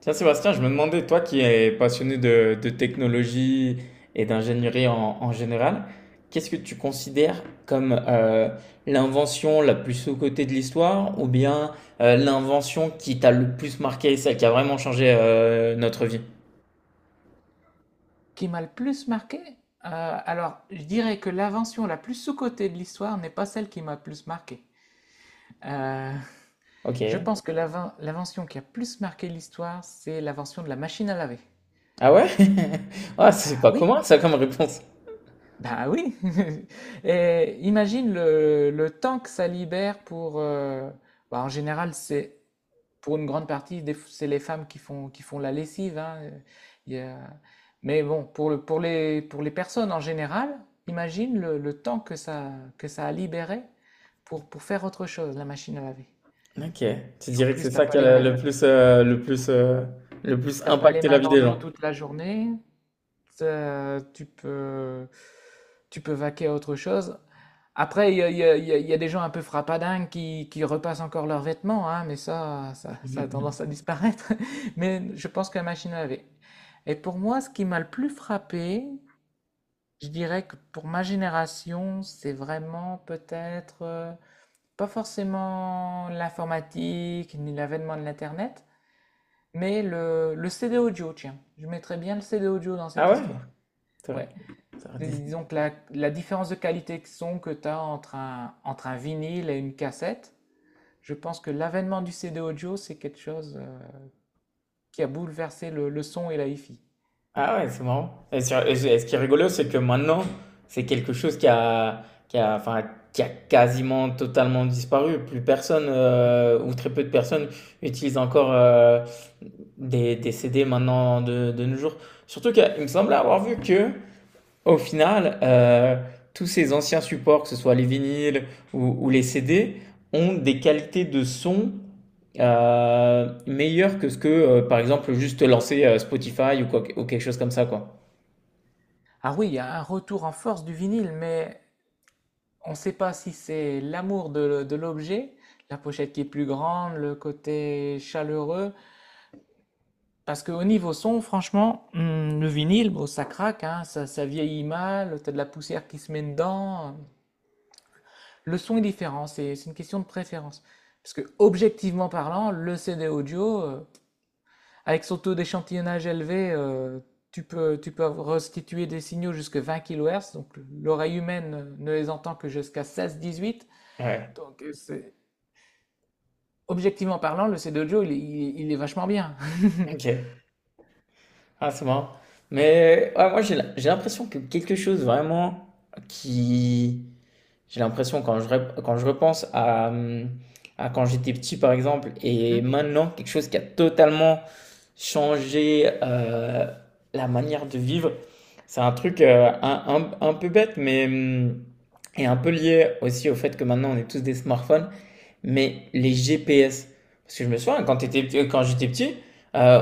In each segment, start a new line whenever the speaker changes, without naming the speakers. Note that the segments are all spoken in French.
Tiens, Sébastien, je me demandais, toi qui es passionné de technologie et d'ingénierie en général, qu'est-ce que tu considères comme l'invention la plus sous-cotée de l'histoire ou bien l'invention qui t'a le plus marqué, celle qui a vraiment changé notre vie?
Qui m'a le plus marqué? Alors, je dirais que l'invention la plus sous-cotée de l'histoire n'est pas celle qui m'a le plus marqué. Euh, je
Ok.
pense que l'invention qui a plus marqué l'histoire, c'est l'invention de la machine à laver.
Ah ouais? Ah, c'est
Ah
pas
oui,
commun ça comme réponse.
bah oui. Et imagine le temps que ça libère pour, bah, en général, c'est pour une grande partie, c'est les femmes qui font la lessive, hein. Il y a- Mais bon, pour le pour les personnes en général, imagine le temps que ça a libéré pour faire autre chose, la machine à laver.
Ok. Tu
En
dirais que c'est
plus,
ça qui a le plus, le plus, le plus
t'as pas les
impacté la
mains
vie
dans
des
l'eau
gens.
toute la journée. Ça, tu peux vaquer à autre chose. Après, il y a, il y a- il y a- il y a des gens un peu frappadingues qui repassent encore leurs vêtements, hein, mais ça a tendance à disparaître. Mais je pense que la machine à laver. Et pour moi, ce qui m'a le plus frappé, je dirais que pour ma génération, c'est vraiment peut-être pas forcément l'informatique ni l'avènement de l'Internet, mais le CD audio, tiens. Je mettrais bien le CD audio dans
Ah
cette
ouais?
histoire.
T'aurais-
Ouais,
T'aurais dit…
Disons que la différence de qualité de son que tu as entre un vinyle et une cassette, je pense que l'avènement du CD audio, c'est quelque chose qui a bouleversé le son et la hi-fi.
Ah ouais, c'est marrant. Et, et ce qui est rigolo, c'est que maintenant, c'est quelque chose qui a, enfin, qui a quasiment totalement disparu. Plus personne, ou très peu de personnes, utilisent encore des CD maintenant de nos jours. Surtout qu'il me semblait avoir vu que au final, tous ces anciens supports, que ce soit les vinyles ou les CD, ont des qualités de son meilleures que ce que, par exemple, juste lancer Spotify ou, ou quelque chose comme ça, quoi.
Ah oui, il y a un retour en force du vinyle, mais on ne sait pas si c'est l'amour de l'objet, la pochette qui est plus grande, le côté chaleureux. Parce qu'au niveau son, franchement, le vinyle, bon, ça craque, hein, ça vieillit mal, t'as de la poussière qui se met dedans. Le son est différent, c'est une question de préférence. Parce que, objectivement parlant, le CD audio, avec son taux d'échantillonnage élevé, tu peux restituer des signaux jusqu'à 20 kHz, donc l'oreille humaine ne les entend que jusqu'à 16-18.
Ouais,
Donc, objectivement parlant, le CD audio, il est vachement bien.
ok. Ah, c'est marrant. Mais ouais, moi, j'ai l'impression que quelque chose vraiment qui, j'ai l'impression quand quand je repense à quand j'étais petit par exemple et maintenant quelque chose qui a totalement changé la manière de vivre. C'est un truc un peu bête mais est un peu lié aussi au fait que maintenant on est tous des smartphones mais les GPS. Parce que je me souviens, quand j'étais petit, euh,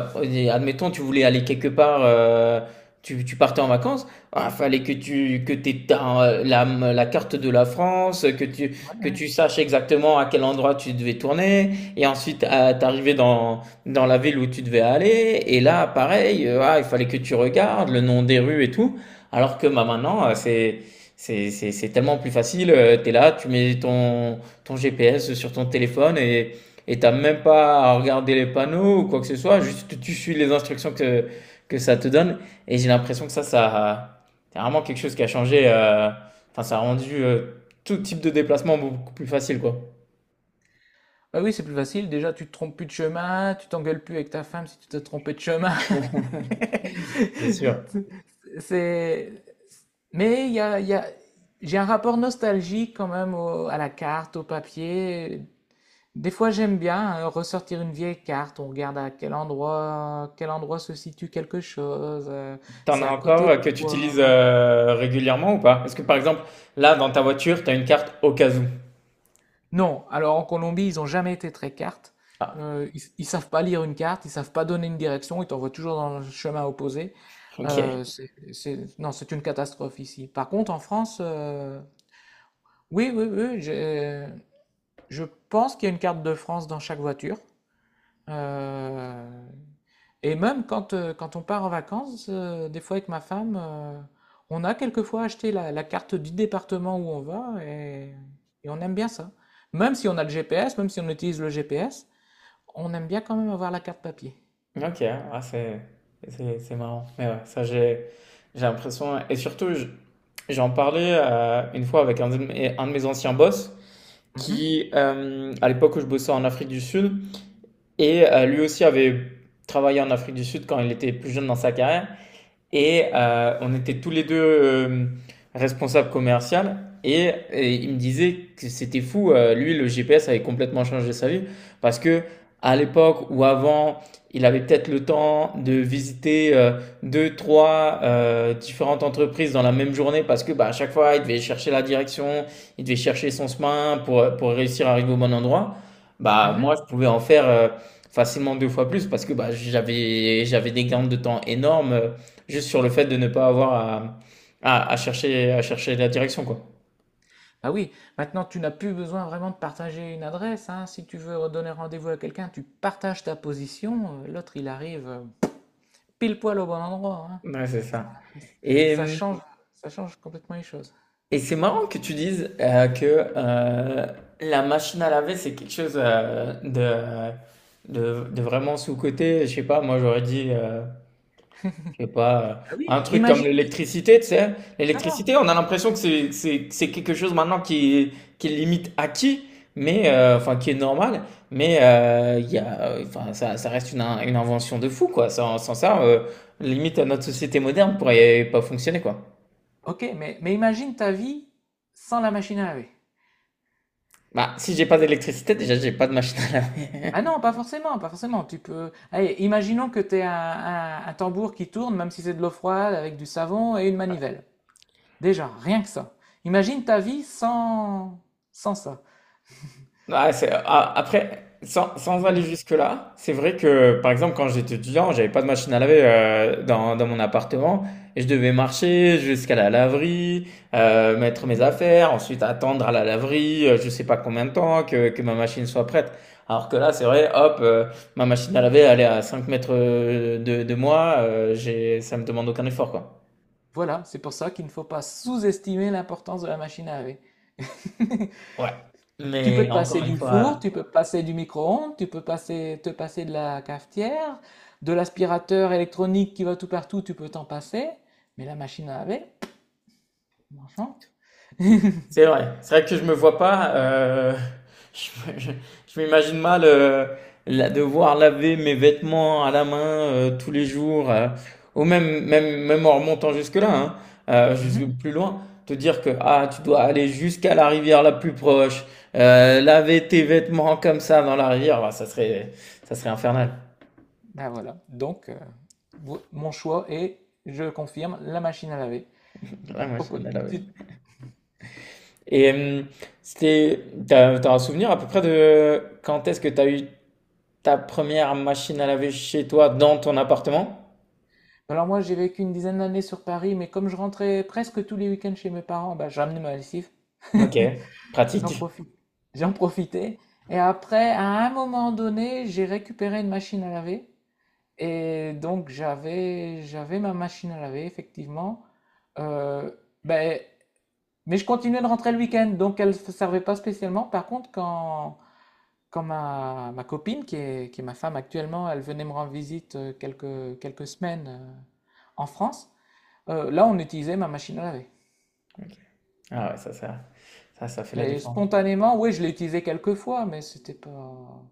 admettons, tu voulais aller quelque part, tu partais en vacances, il fallait que tu que t'aies la carte de la France,
Ouais,
que
ouais.
tu saches exactement à quel endroit tu devais tourner, et ensuite t'arrivais dans la ville où tu devais aller, et là, pareil, ah, il fallait que tu regardes le nom des rues et tout, alors que bah, maintenant, c'est… c'est tellement plus facile, tu es là, ton GPS sur ton téléphone et t'as même pas à regarder les panneaux ou quoi que ce soit, juste tu suis les instructions que ça te donne et j'ai l'impression que ça c'est vraiment quelque chose qui a changé enfin ça a rendu tout type de déplacement beaucoup plus facile quoi.
Bah oui, c'est plus facile. Déjà, tu te trompes plus de chemin, tu t'engueules plus avec ta femme si tu t'es trompé de chemin.
C'est sûr.
C'est, mais j'ai un rapport nostalgique quand même à la carte, au papier. Des fois, j'aime bien ressortir une vieille carte. On regarde à quel endroit se situe quelque chose,
T'en
c'est
as
à
encore
côté de
que tu utilises
quoi.
régulièrement ou pas? Est-ce que par exemple là dans ta voiture, t'as une carte au cas où?
Non, alors en Colombie, ils ont jamais été très cartes.
Ah,
Ils savent pas lire une carte, ils savent pas donner une direction. Ils t'envoient toujours dans le chemin opposé.
OK.
Non, c'est une catastrophe ici. Par contre, en France, oui, je pense qu'il y a une carte de France dans chaque voiture. Euh, et même quand on part en vacances, des fois avec ma femme, on a quelquefois acheté la carte du département où on va et on aime bien ça. Même si on a le GPS, même si on utilise le GPS, on aime bien quand même avoir la carte papier.
OK, ah c'est c'est marrant. Mais ouais, ça j'ai l'impression et surtout j'en parlais une fois avec un de mes anciens boss
Mhm,
qui à l'époque où je bossais en Afrique du Sud et lui aussi avait travaillé en Afrique du Sud quand il était plus jeune dans sa carrière et on était tous les deux responsables commerciaux. Et il me disait que c'était fou. Lui, le GPS avait complètement changé sa vie parce que à l'époque ou avant, il avait peut-être le temps de visiter deux, trois différentes entreprises dans la même journée parce que bah, à chaque fois, il devait chercher la direction, il devait chercher son chemin pour réussir à arriver au bon endroit. Bah, moi,
mhm.
je pouvais en faire facilement deux fois plus parce que bah, j'avais des gains de temps énormes juste sur le fait de ne pas avoir à chercher la direction, quoi.
Bah oui, maintenant tu n'as plus besoin vraiment de partager une adresse, hein. Si tu veux donner rendez-vous à quelqu'un, tu partages ta position, l'autre il arrive pile poil au bon endroit, hein.
Ouais, c'est ça. Et,
Ça change, ça change complètement les choses.
et c'est marrant que tu dises que la machine à laver, c'est quelque chose de vraiment sous-coté. Je sais pas, moi j'aurais dit je sais pas,
Ah oui,
un truc comme
imagine.
l'électricité, tu sais.
Non, non,
L'électricité, on a l'impression que c'est quelque chose maintenant qui est limite acquis, mais enfin qui est normal, mais il y a, enfin, ça reste une invention de fou, quoi. Sans ça, limite notre société moderne pourrait pas fonctionner, quoi.
ok, mais imagine ta vie sans la machine à laver.
Bah, si j'ai pas d'électricité, déjà j'ai pas de machine à
Ah
laver.
non, pas forcément, pas forcément. Tu peux. Allez, imaginons que tu aies un tambour qui tourne, même si c'est de l'eau froide, avec du savon et une manivelle. Déjà, rien que ça. Imagine ta vie sans ça.
Ah, après, sans aller jusque-là, c'est vrai que, par exemple, quand j'étais étudiant, j'avais pas de machine à laver dans mon appartement et je devais marcher jusqu'à la laverie, mettre mes affaires, ensuite attendre à la laverie, je sais pas combien de temps, que ma machine soit prête. Alors que là, c'est vrai, hop, ma machine à laver, elle est à 5 mètres de moi, ça me demande aucun effort, quoi.
Voilà, c'est pour ça qu'il ne faut pas sous-estimer l'importance de la machine à laver.
Ouais.
Tu peux
Mais
te
encore
passer
une
du
fois.
four, tu peux te passer du micro-ondes, te passer de la cafetière, de l'aspirateur électronique qui va tout partout, tu peux t'en passer. Mais la machine à laver, franchement.
C'est vrai. C'est vrai que je me vois pas. Je me- je- je m'imagine mal devoir laver mes vêtements à la main tous les jours, ou même en remontant jusque-là, hein, jusque
Mhm.
plus loin, te dire que ah, tu dois aller jusqu'à la rivière la plus proche, laver tes vêtements comme ça dans la rivière, bah, ça serait infernal.
Ben voilà. Donc, mon choix est, je confirme, la machine à laver.
Ouais, moi,
Pourquoi
j'aime bien laver.
tu-
Et c'était, t'as un souvenir à peu près de quand est-ce que t'as eu ta première machine à laver chez toi dans ton appartement?
alors moi, j'ai vécu une dizaine d'années sur Paris, mais comme je rentrais presque tous les week-ends chez mes parents, bah, je ramenais ma lessive.
Ok,
J'en
pratique.
profite j'en profitais. Et après, à un moment donné, j'ai récupéré une machine à laver. Et donc, j'avais ma machine à laver, effectivement. Euh, ben, mais je continuais de rentrer le week-end, donc elle ne servait pas spécialement. Par contre, quand ma copine, qui est ma femme actuellement, elle venait me rendre visite quelques semaines en France, là, on utilisait ma machine à laver.
Ok. Ah ouais, ça fait la
Mais
différence.
spontanément, oui, je l'ai utilisée quelques fois, mais c'était pas...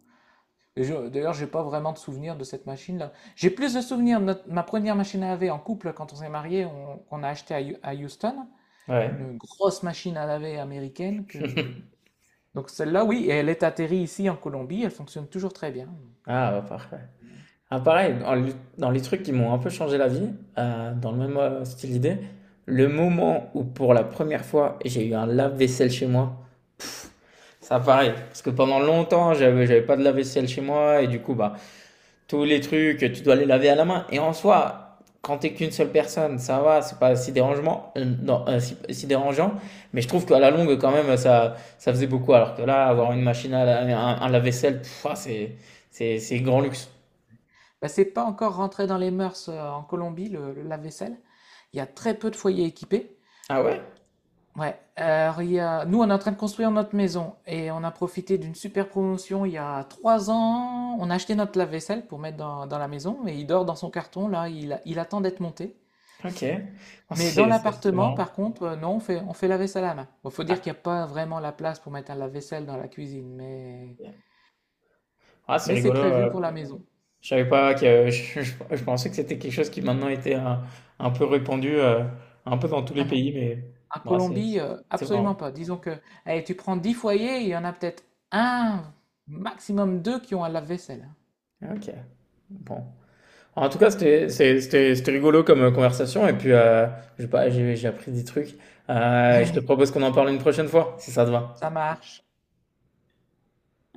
D'ailleurs, j'ai pas vraiment de souvenir de cette machine-là. J'ai plus de souvenirs de ma première machine à laver en couple quand on s'est mariés, qu'on a acheté à Houston,
Ouais.
une grosse machine à laver américaine que. Donc celle-là, oui, et elle est atterrie ici en Colombie, elle fonctionne toujours très bien. Donc,
Ah, bah, parfait. Ah, pareil, dans les trucs qui m'ont un peu changé la vie, dans le même style d'idée, le moment où pour la première fois j'ai eu un lave-vaisselle chez moi, ça pareil, parce que pendant longtemps j'avais pas de lave-vaisselle chez moi et du coup bah tous les trucs, tu dois les laver à la main. Et en soi, quand t'es qu'une seule personne, ça va, c'est pas si dérangeant, non, si dérangeant. Mais je trouve qu'à la longue, quand même, ça faisait beaucoup. Alors que là, avoir
ouais.
une machine à laver, un lave-vaisselle, pff, ah, c'est grand luxe.
Bah, c'est pas encore rentré dans les mœurs en Colombie, le lave-vaisselle. Il y a très peu de foyers équipés.
Ah ouais?
Ouais, alors il y a... nous on est en train de construire notre maison et on a profité d'une super promotion il y a 3 ans. On a acheté notre lave-vaisselle pour mettre dans la maison mais il dort dans son carton là, il attend d'être monté.
Ok. Ah,
Mais dans
C'est
l'appartement,
marrant.
par contre, non, on fait la vaisselle à la main. Bon, faut dire qu'il
Ah,
n'y a pas vraiment la place pour mettre un lave-vaisselle dans la cuisine,
Ah, c'est
mais c'est
rigolo.
prévu pour la maison.
Je savais pas que, je pensais que c'était quelque chose qui maintenant était un peu répandu, un peu dans tous les
Ah non,
pays, mais
en
bah, c'est,
Colombie,
c'est c'est
absolument
marrant.
pas. Disons que allez, tu prends 10 foyers, il y en a peut-être un, maximum deux qui ont un lave-vaisselle.
Ok. Bon. En tout cas, c'était rigolo comme conversation. Et puis, je sais pas, j'ai appris des trucs. Je te propose qu'on en parle une prochaine fois, si ça te va.
Ça marche.